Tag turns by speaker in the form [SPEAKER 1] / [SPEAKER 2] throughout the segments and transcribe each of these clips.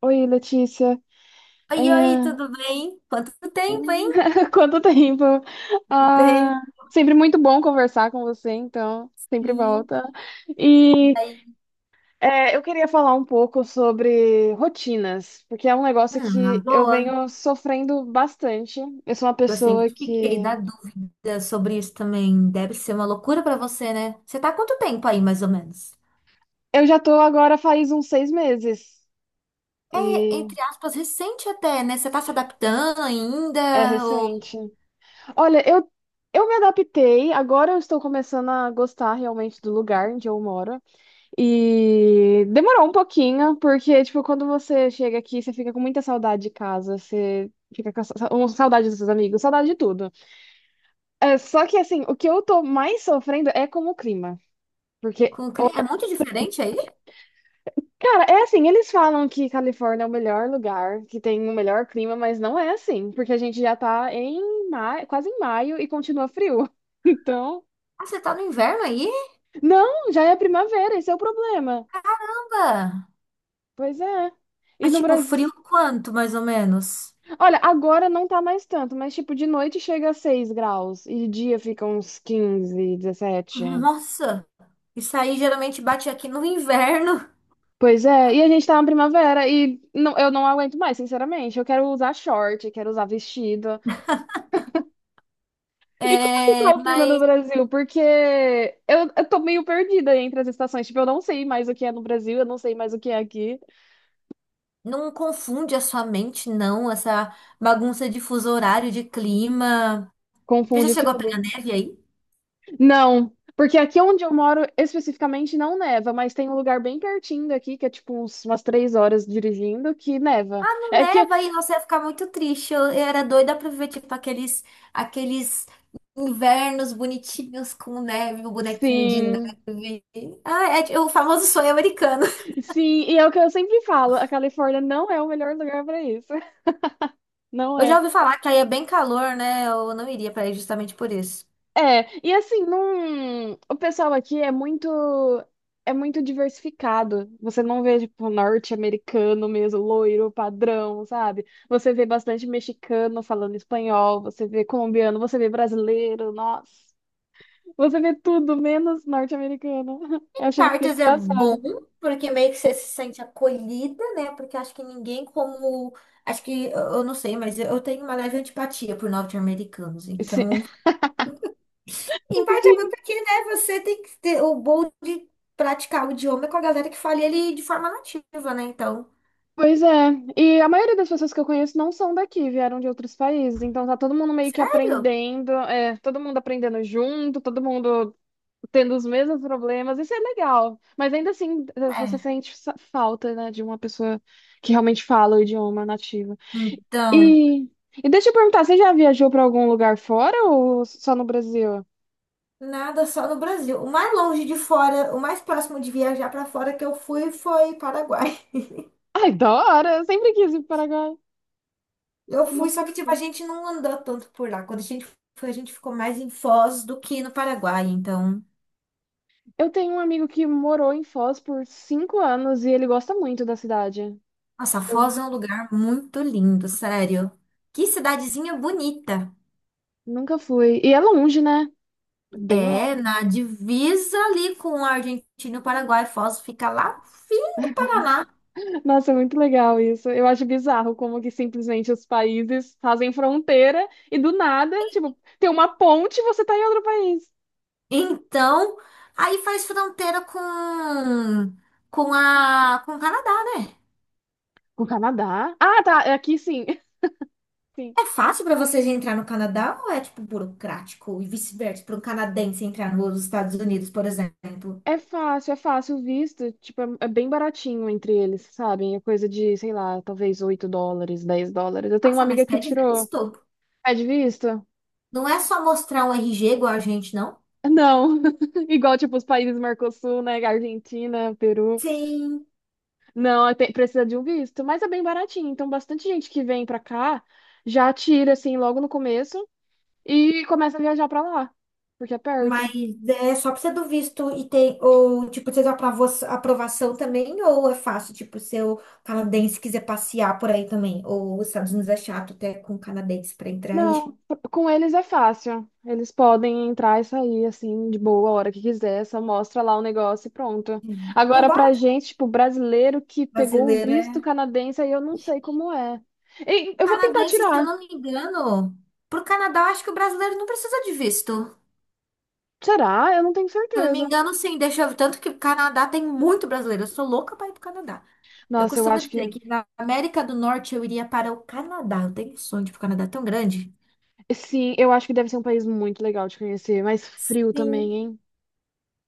[SPEAKER 1] Oi, Letícia. É,
[SPEAKER 2] Oi, oi, tudo bem? Quanto tempo, hein?
[SPEAKER 1] quanto tempo?
[SPEAKER 2] Quanto tempo,
[SPEAKER 1] Ah, sempre muito bom conversar com você, então, sempre
[SPEAKER 2] sim.
[SPEAKER 1] volta.
[SPEAKER 2] E
[SPEAKER 1] E
[SPEAKER 2] aí?
[SPEAKER 1] é, eu queria falar um pouco sobre rotinas, porque é um negócio
[SPEAKER 2] Ah, na
[SPEAKER 1] que eu
[SPEAKER 2] boa.
[SPEAKER 1] venho sofrendo bastante. Eu sou uma
[SPEAKER 2] Eu
[SPEAKER 1] pessoa
[SPEAKER 2] sempre fiquei na
[SPEAKER 1] que.
[SPEAKER 2] dúvida sobre isso também. Deve ser uma loucura pra você, né? Você tá há quanto tempo aí, mais ou menos?
[SPEAKER 1] Eu já tô agora faz uns 6 meses,
[SPEAKER 2] É,
[SPEAKER 1] e
[SPEAKER 2] entre aspas, recente até, né? Você tá se adaptando
[SPEAKER 1] é
[SPEAKER 2] ainda? Ou
[SPEAKER 1] recente. Olha, eu me adaptei, agora eu estou começando a gostar realmente do lugar onde eu moro. E demorou um pouquinho, porque, tipo, quando você chega aqui, você fica com muita saudade de casa, você fica com saudade dos seus amigos, saudade de tudo. É, só que, assim, o que eu tô mais sofrendo é com o clima. Porque,
[SPEAKER 2] é muito diferente aí?
[SPEAKER 1] cara, é assim, eles falam que Califórnia é o melhor lugar, que tem o melhor clima, mas não é assim, porque a gente já tá em maio, quase em maio e continua frio. Então,
[SPEAKER 2] Ah, você tá no inverno aí?
[SPEAKER 1] não, já é primavera, esse é o problema.
[SPEAKER 2] Caramba!
[SPEAKER 1] Pois é. E
[SPEAKER 2] É
[SPEAKER 1] no
[SPEAKER 2] tipo
[SPEAKER 1] Brasil.
[SPEAKER 2] frio quanto, mais ou menos?
[SPEAKER 1] Olha, agora não tá mais tanto, mas tipo, de noite chega a 6 graus e de dia fica uns 15, 17.
[SPEAKER 2] Nossa! Isso aí geralmente bate aqui no inverno.
[SPEAKER 1] Pois é, e a gente tá na primavera e não, eu não aguento mais, sinceramente. Eu quero usar short, quero usar vestido. E como que tá
[SPEAKER 2] É,
[SPEAKER 1] o clima no
[SPEAKER 2] mas
[SPEAKER 1] Brasil? Porque eu tô meio perdida entre as estações. Tipo, eu não sei mais o que é no Brasil, eu não sei mais o que é aqui.
[SPEAKER 2] não confunde a sua mente, não, essa bagunça de fuso horário, de clima. Você já
[SPEAKER 1] Confunde
[SPEAKER 2] chegou a pegar
[SPEAKER 1] tudo.
[SPEAKER 2] neve aí?
[SPEAKER 1] Não, porque aqui onde eu moro especificamente não neva, mas tem um lugar bem pertinho daqui, que é tipo uns- umas 3 horas dirigindo, que neva.
[SPEAKER 2] Não
[SPEAKER 1] É que,
[SPEAKER 2] neva aí, você ia ficar muito triste. Eu era doida pra ver, tipo, aqueles, aqueles invernos bonitinhos com neve, o bonequinho de
[SPEAKER 1] sim,
[SPEAKER 2] neve. Ah, o famoso sonho americano.
[SPEAKER 1] sim, e é o que eu sempre falo, a Califórnia não é o melhor lugar para isso. Não
[SPEAKER 2] Eu
[SPEAKER 1] é.
[SPEAKER 2] já ouvi falar que aí é bem calor, né? Eu não iria pra aí justamente por isso.
[SPEAKER 1] É, e assim, não, o pessoal aqui é muito. É muito diversificado. Você não vê, tipo, norte-americano mesmo, loiro, padrão, sabe? Você vê bastante mexicano falando espanhol, você vê colombiano, você vê brasileiro, nossa. Você vê tudo, menos norte-americana. Eu chego a ser
[SPEAKER 2] Partos é bom,
[SPEAKER 1] engraçada.
[SPEAKER 2] porque meio que você se sente acolhida, né? Porque acho que ninguém como. Acho que, eu não sei, mas eu tenho uma leve antipatia por norte-americanos.
[SPEAKER 1] Sim.
[SPEAKER 2] Então, em parte é bom
[SPEAKER 1] Sim.
[SPEAKER 2] porque, né, você tem que ter o bom de praticar o idioma com a galera que fala ele de forma nativa, né? Então,
[SPEAKER 1] Pois é. E a maioria das pessoas que eu conheço não são daqui, vieram de outros países. Então tá todo mundo meio que
[SPEAKER 2] sério?
[SPEAKER 1] aprendendo, é, todo mundo aprendendo junto, todo mundo tendo os mesmos problemas. Isso é legal. Mas ainda assim, eh, você
[SPEAKER 2] É.
[SPEAKER 1] sente sa- falta, né, de uma pessoa que realmente fala o idioma nativo.
[SPEAKER 2] Então,
[SPEAKER 1] E, e deixa eu perguntar, você já viajou pra algum lugar fora ou só no Brasil?
[SPEAKER 2] nada, só no Brasil. O mais longe de fora, o mais próximo de viajar para fora que eu fui foi Paraguai.
[SPEAKER 1] Ai, da hora! Eu sempre quis ir pro Paraguai.
[SPEAKER 2] Eu
[SPEAKER 1] Não.
[SPEAKER 2] fui, só que tipo, a gente não andou tanto por lá. Quando a gente foi, a gente ficou mais em Foz do que no Paraguai. Então,
[SPEAKER 1] Eu tenho um amigo que morou em Foz por 5 anos e ele gosta muito da cidade.
[SPEAKER 2] nossa,
[SPEAKER 1] Eu
[SPEAKER 2] Foz é um lugar muito lindo, sério. Que cidadezinha bonita.
[SPEAKER 1] nunca fui. E é longe, né? É bem
[SPEAKER 2] É,
[SPEAKER 1] longe.
[SPEAKER 2] na divisa ali com a Argentina e o Paraguai. Foz fica lá, fim do Paraná.
[SPEAKER 1] Nossa, é muito legal isso. Eu acho bizarro como que simplesmente os países fazem fronteira e do nada, tipo, tem uma ponte e você tá em outro país.
[SPEAKER 2] Então, aí faz fronteira com o Canadá, né?
[SPEAKER 1] O Canadá? Ah, tá. É aqui sim. Sim.
[SPEAKER 2] É fácil pra vocês entrar no Canadá ou é tipo burocrático e vice-versa para um canadense entrar nos Estados Unidos, por exemplo?
[SPEAKER 1] É fácil o visto. Tipo, é bem baratinho entre eles, sabem? É coisa de, sei lá, talvez 8 dólares, 10 dólares. Eu tenho uma
[SPEAKER 2] Nossa,
[SPEAKER 1] amiga
[SPEAKER 2] mas
[SPEAKER 1] que
[SPEAKER 2] pede
[SPEAKER 1] tirou.
[SPEAKER 2] visto.
[SPEAKER 1] É de visto?
[SPEAKER 2] Não é só mostrar um RG igual a gente, não?
[SPEAKER 1] Não, igual tipo os países Mercosul, né? Argentina, Peru.
[SPEAKER 2] Sim,
[SPEAKER 1] Não, é, tem- precisa de um visto, mas é bem baratinho. Então, bastante gente que vem pra cá já tira assim logo no começo e começa a viajar pra lá, porque é
[SPEAKER 2] mas
[SPEAKER 1] perto.
[SPEAKER 2] é só precisa do visto e tem, ou tipo, precisa da aprovação também, ou é fácil, tipo, se o canadense quiser passear por aí também, ou os Estados Unidos é chato até com canadense pra entrar aí.
[SPEAKER 1] Não, com eles é fácil. Eles podem entrar e sair assim de boa a hora que quiser, só mostra lá o negócio e pronto.
[SPEAKER 2] Uhum.
[SPEAKER 1] Agora
[SPEAKER 2] Embora
[SPEAKER 1] pra gente, tipo, brasileiro que pegou o visto
[SPEAKER 2] brasileira
[SPEAKER 1] canadense, aí eu não sei como é. E eu vou tentar
[SPEAKER 2] Canadense, se eu
[SPEAKER 1] tirar.
[SPEAKER 2] não me engano, pro Canadá, eu acho que o brasileiro não precisa de visto.
[SPEAKER 1] Será? Eu não tenho
[SPEAKER 2] Se eu não me
[SPEAKER 1] certeza.
[SPEAKER 2] engano, sim, deixa eu. Tanto que o Canadá tem muito brasileiro. Eu sou louca para ir pro Canadá. Eu
[SPEAKER 1] Nossa, eu
[SPEAKER 2] costumo
[SPEAKER 1] acho
[SPEAKER 2] dizer
[SPEAKER 1] que.
[SPEAKER 2] que na América do Norte eu iria para o Canadá. Eu tenho um sonho de ir pro Canadá tão grande.
[SPEAKER 1] Sim, eu acho que deve ser um país muito legal de conhecer, mas frio também,
[SPEAKER 2] Sim.
[SPEAKER 1] hein?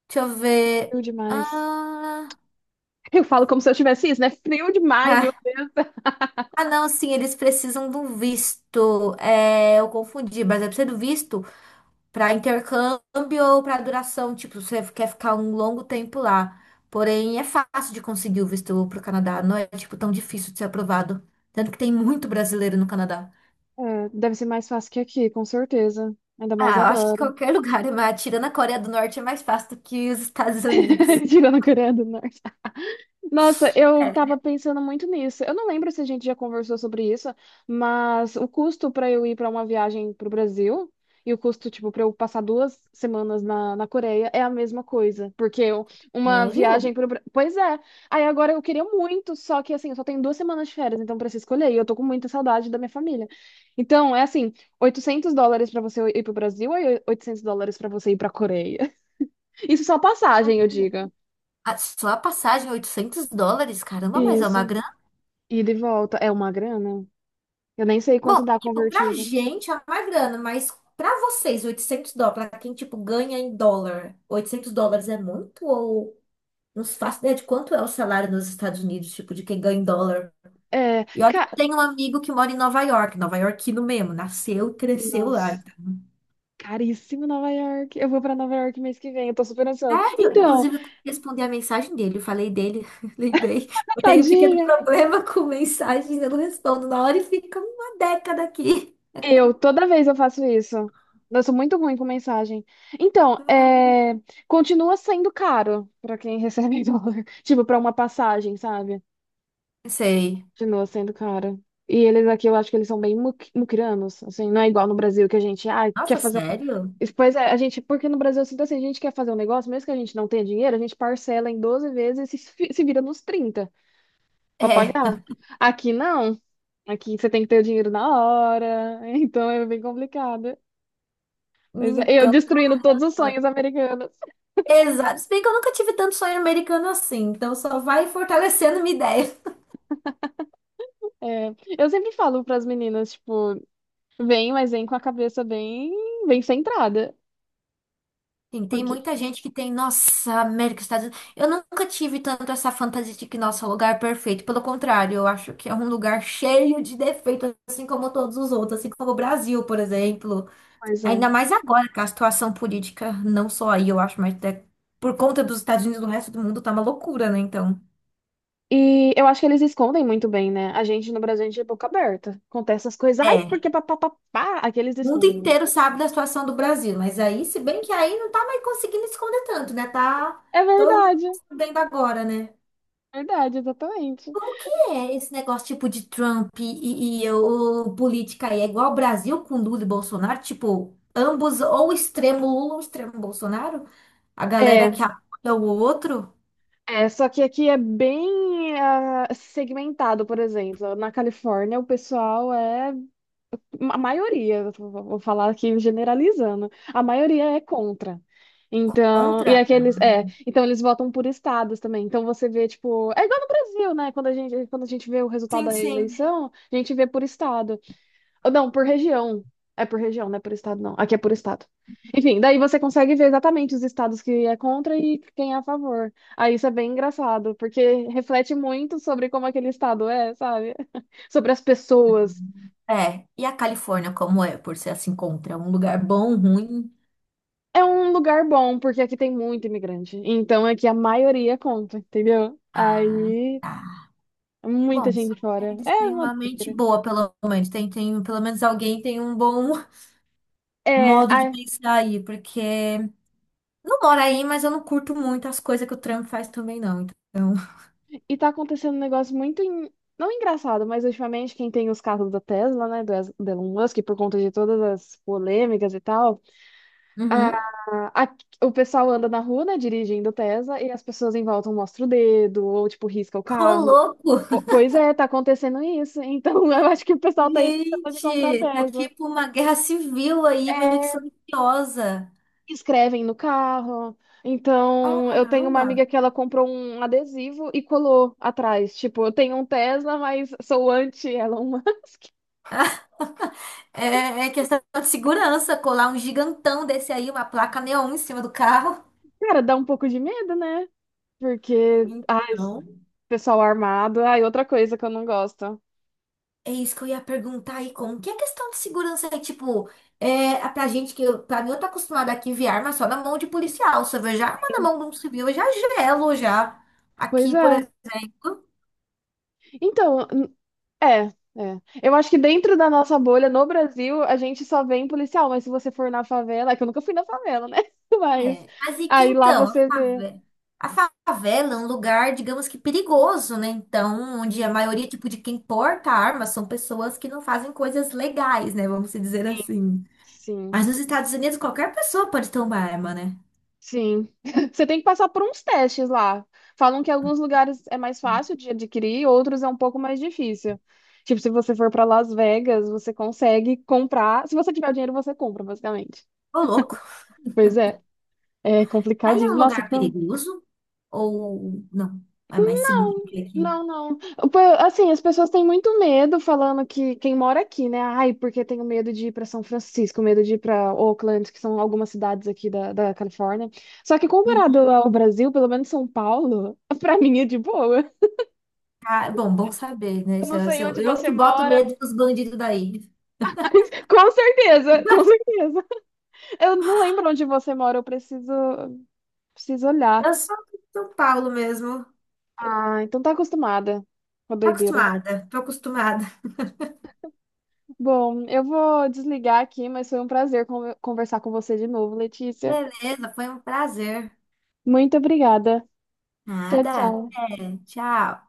[SPEAKER 2] Deixa eu ver.
[SPEAKER 1] Frio demais.
[SPEAKER 2] Ah,
[SPEAKER 1] Eu falo como se eu tivesse isso, né? Frio demais, viu?
[SPEAKER 2] ah, ah, não, sim, eles precisam de um visto. É, eu confundi, mas é preciso do visto para intercâmbio ou para duração, tipo, você quer ficar um longo tempo lá. Porém, é fácil de conseguir o visto pro Canadá, não é tipo tão difícil de ser aprovado, tanto que tem muito brasileiro no Canadá.
[SPEAKER 1] É, deve ser mais fácil que aqui, com certeza. Ainda mais
[SPEAKER 2] Ah, eu acho que
[SPEAKER 1] agora.
[SPEAKER 2] qualquer lugar, mas tirando a Coreia do Norte é mais fácil do que os Estados Unidos.
[SPEAKER 1] Tirando a Coreia do Norte. Nossa, eu
[SPEAKER 2] É.
[SPEAKER 1] tava pensando muito nisso. Eu não lembro se a gente já conversou sobre isso, mas o custo para eu ir para uma viagem pro Brasil e o custo, tipo, para eu passar 2 semanas na, na Coreia é a mesma coisa, porque eu- uma
[SPEAKER 2] Sério?
[SPEAKER 1] viagem pro Brasil. Pois é. Aí agora eu queria muito, só que assim, eu só tenho 2 semanas de férias, então preciso escolher, e eu tô com muita saudade da minha família. Então, é assim, 800 dólares para você ir pro Brasil e 800 dólares para você ir pra Coreia. Isso só passagem, eu diga.
[SPEAKER 2] Ah, só a passagem, US$ 800, caramba, mas é
[SPEAKER 1] Isso.
[SPEAKER 2] uma grana.
[SPEAKER 1] Ida e de volta é uma grana. Eu nem sei
[SPEAKER 2] Bom,
[SPEAKER 1] quanto dá
[SPEAKER 2] tipo, pra
[SPEAKER 1] convertido.
[SPEAKER 2] gente é uma grana, mas pra vocês, US$ 800, pra quem, tipo, ganha em dólar, US$ 800 é muito? Ou não se faço ideia de quanto é o salário nos Estados Unidos, tipo, de quem ganha em dólar.
[SPEAKER 1] É,
[SPEAKER 2] E olha, que eu
[SPEAKER 1] ca...
[SPEAKER 2] tenho um amigo que mora em Nova York, Nova Yorkino mesmo, nasceu e cresceu lá.
[SPEAKER 1] Nossa,
[SPEAKER 2] Então,
[SPEAKER 1] caríssimo Nova York. Eu vou pra Nova York mês que vem, eu tô super ansiosa.
[SPEAKER 2] sério?
[SPEAKER 1] Então,
[SPEAKER 2] Inclusive, eu tenho que responder a mensagem dele. Eu falei dele, lembrei. Eu tenho um pequeno
[SPEAKER 1] tadinha.
[SPEAKER 2] problema com mensagens, eu não respondo na hora e fica uma década aqui.
[SPEAKER 1] Eu, toda vez eu faço isso. Eu sou muito ruim com mensagem. Então, é, continua sendo caro pra quem recebe em dólar. Tipo, pra uma passagem, sabe?
[SPEAKER 2] Sei.
[SPEAKER 1] Continua sendo caro. E eles aqui, eu acho que eles são bem muquiranos, assim, não é igual no Brasil que a gente, ah, quer
[SPEAKER 2] Nossa,
[SPEAKER 1] fazer
[SPEAKER 2] sério?
[SPEAKER 1] isso. Pois é, a gente, porque no Brasil, se assim, a gente quer fazer um negócio, mesmo que a gente não tenha dinheiro, a gente parcela em 12 vezes e se, se vira nos 30 para pagar.
[SPEAKER 2] É.
[SPEAKER 1] Aqui não, aqui você tem que ter o dinheiro na hora, então é bem complicado. Mas é, eu
[SPEAKER 2] Então,
[SPEAKER 1] destruindo todos os sonhos americanos.
[SPEAKER 2] exato. Se bem que eu nunca tive tanto sonho americano assim, então só vai fortalecendo minha ideia.
[SPEAKER 1] É, eu sempre falo para as meninas, tipo, vem, mas vem com a cabeça bem, bem centrada.
[SPEAKER 2] Sim, tem
[SPEAKER 1] Porque,
[SPEAKER 2] muita gente que tem, nossa, América, Estados Unidos. Eu nunca tive tanto essa fantasia de que, nossa, o lugar é perfeito. Pelo contrário, eu acho que é um lugar cheio de defeitos, assim como todos os outros, assim como o Brasil, por exemplo.
[SPEAKER 1] pois é.
[SPEAKER 2] Ainda mais agora, que a situação política, não só aí, eu acho, mas até por conta dos Estados Unidos, no resto do mundo tá uma loucura, né? Então,
[SPEAKER 1] E eu acho que eles escondem muito bem, né? A gente no Brasil, a gente é boca aberta. Acontece as coisas, ai,
[SPEAKER 2] é.
[SPEAKER 1] porque papapá, aqui eles
[SPEAKER 2] O mundo
[SPEAKER 1] escondem.
[SPEAKER 2] inteiro sabe da situação do Brasil, mas aí, se bem que aí não tá mais conseguindo esconder tanto, né? Tá
[SPEAKER 1] É
[SPEAKER 2] todo mundo
[SPEAKER 1] verdade,
[SPEAKER 2] sabendo agora, né?
[SPEAKER 1] verdade, exatamente.
[SPEAKER 2] Como que é esse negócio tipo de Trump e, e o política aí? É igual ao Brasil com Lula e Bolsonaro? Tipo, ambos ou extremo Lula ou extremo Bolsonaro? A galera
[SPEAKER 1] É,
[SPEAKER 2] que apoia o outro
[SPEAKER 1] é, só que aqui é bem ah, segmentado, por exemplo. Na Califórnia, o pessoal é. A maioria, vou falar aqui generalizando, a maioria é contra. Então, e
[SPEAKER 2] contra?
[SPEAKER 1] aqueles, é, então eles votam por estados também. Então você vê, tipo, é igual no Brasil, né? Quando a gente vê o resultado
[SPEAKER 2] Sim,
[SPEAKER 1] da
[SPEAKER 2] sim.
[SPEAKER 1] eleição, a gente vê por estado. Ou não, por região. É por região, não é por estado, não. Aqui é por estado. Enfim, daí você consegue ver exatamente os estados que é contra e quem é a favor. Aí isso é bem engraçado, porque reflete muito sobre como aquele estado é, sabe? Sobre as pessoas.
[SPEAKER 2] É. E a Califórnia como é? Por ser assim contra? É um lugar bom, ruim?
[SPEAKER 1] É um lugar bom, porque aqui tem muito imigrante. Então aqui a maioria conta, entendeu?
[SPEAKER 2] Ah,
[SPEAKER 1] Aí
[SPEAKER 2] tá.
[SPEAKER 1] muita
[SPEAKER 2] Bom, só
[SPEAKER 1] gente
[SPEAKER 2] que
[SPEAKER 1] fora.
[SPEAKER 2] eles
[SPEAKER 1] É
[SPEAKER 2] têm
[SPEAKER 1] uma
[SPEAKER 2] uma mente
[SPEAKER 1] doideira.
[SPEAKER 2] boa, pelo menos. Tem, pelo menos alguém tem um bom
[SPEAKER 1] É,
[SPEAKER 2] modo de
[SPEAKER 1] a.
[SPEAKER 2] pensar aí, porque não moro aí, mas eu não curto muito as coisas que o Trump faz também, não. Então.
[SPEAKER 1] E tá acontecendo um negócio muito, não engraçado, mas ultimamente quem tem os carros da Tesla, né, do do Elon Musk, por conta de todas as polêmicas e tal, a,
[SPEAKER 2] Uhum.
[SPEAKER 1] a- o pessoal anda na rua, né, dirigindo Tesla, e as pessoas em volta mostram o dedo, ou, tipo, risca o
[SPEAKER 2] Ô,
[SPEAKER 1] carro.
[SPEAKER 2] louco!
[SPEAKER 1] Ou- pois é, tá acontecendo isso. Então, eu acho que o pessoal tá aí pensando em comprar
[SPEAKER 2] Gente, tá
[SPEAKER 1] Tesla.
[SPEAKER 2] tipo uma guerra civil aí, meio que silenciosa.
[SPEAKER 1] Escrevem no carro. Então, eu tenho uma
[SPEAKER 2] Caramba!
[SPEAKER 1] amiga que ela comprou um adesivo e colou atrás. Tipo, eu tenho um Tesla, mas sou anti-Elon.
[SPEAKER 2] É questão de segurança, colar um gigantão desse aí, uma placa neon em cima do carro.
[SPEAKER 1] Cara, dá um pouco de medo, né? Porque, ai,
[SPEAKER 2] Então.
[SPEAKER 1] pessoal armado, ai, outra coisa que eu não gosto.
[SPEAKER 2] É isso que eu ia perguntar aí, como que é a questão de segurança aí, tipo, pra gente que, pra mim, eu tô acostumada aqui a ver arma só na mão de policial, se eu vejo arma na mão de um civil, eu já gelo, já.
[SPEAKER 1] Pois
[SPEAKER 2] Aqui, por
[SPEAKER 1] é.
[SPEAKER 2] exemplo,
[SPEAKER 1] Então, é, é. Eu acho que dentro da nossa bolha, no Brasil, a gente só vê em policial, mas se você for na favela, é que eu nunca fui na favela, né? Mas
[SPEAKER 2] é. Mas e que
[SPEAKER 1] aí lá
[SPEAKER 2] então,
[SPEAKER 1] você vê.
[SPEAKER 2] a favela é um lugar, digamos que perigoso, né? Então, onde a
[SPEAKER 1] Hum,
[SPEAKER 2] maioria, tipo, de quem porta arma são pessoas que não fazem coisas legais, né? Vamos dizer assim.
[SPEAKER 1] Sim.
[SPEAKER 2] Mas nos Estados Unidos, qualquer pessoa pode ter uma arma, né?
[SPEAKER 1] Sim. Você tem que passar por uns testes lá. Falam que alguns lugares é mais fácil de adquirir, outros é um pouco mais difícil. Tipo, se você for para Las Vegas, você consegue comprar. Se você tiver o dinheiro, você compra, basicamente.
[SPEAKER 2] Ô, louco.
[SPEAKER 1] Pois é, é
[SPEAKER 2] Aí é um
[SPEAKER 1] complicadíssimo. Nossa,
[SPEAKER 2] lugar
[SPEAKER 1] tô...
[SPEAKER 2] perigoso ou não? É mais seguro do que aqui.
[SPEAKER 1] Não, não. Pô, assim, as pessoas têm muito medo falando que quem mora aqui, né? Ai, porque tenho medo de ir para São Francisco, medo de ir para Oakland, que são algumas cidades aqui da, da Califórnia. Só que comparado
[SPEAKER 2] Uhum.
[SPEAKER 1] ao Brasil, pelo menos São Paulo, para mim é de boa.
[SPEAKER 2] Ah, bom, bom saber, né?
[SPEAKER 1] Eu
[SPEAKER 2] Se
[SPEAKER 1] não
[SPEAKER 2] Eu, se
[SPEAKER 1] sei
[SPEAKER 2] eu,
[SPEAKER 1] onde
[SPEAKER 2] eu
[SPEAKER 1] você
[SPEAKER 2] que boto
[SPEAKER 1] mora.
[SPEAKER 2] medo dos bandidos daí.
[SPEAKER 1] Com certeza, com certeza. Eu não lembro onde você mora, eu preciso, preciso olhar.
[SPEAKER 2] Eu sou de São Paulo mesmo.
[SPEAKER 1] Ah, então tá acostumada com a
[SPEAKER 2] Tô
[SPEAKER 1] doideira.
[SPEAKER 2] Acostumada, tô acostumada.
[SPEAKER 1] Bom, eu vou desligar aqui, mas foi um prazer conversar com você de novo, Letícia.
[SPEAKER 2] Beleza, foi um prazer.
[SPEAKER 1] Muito obrigada. Tchau,
[SPEAKER 2] Nada,
[SPEAKER 1] tchau.
[SPEAKER 2] até, tchau.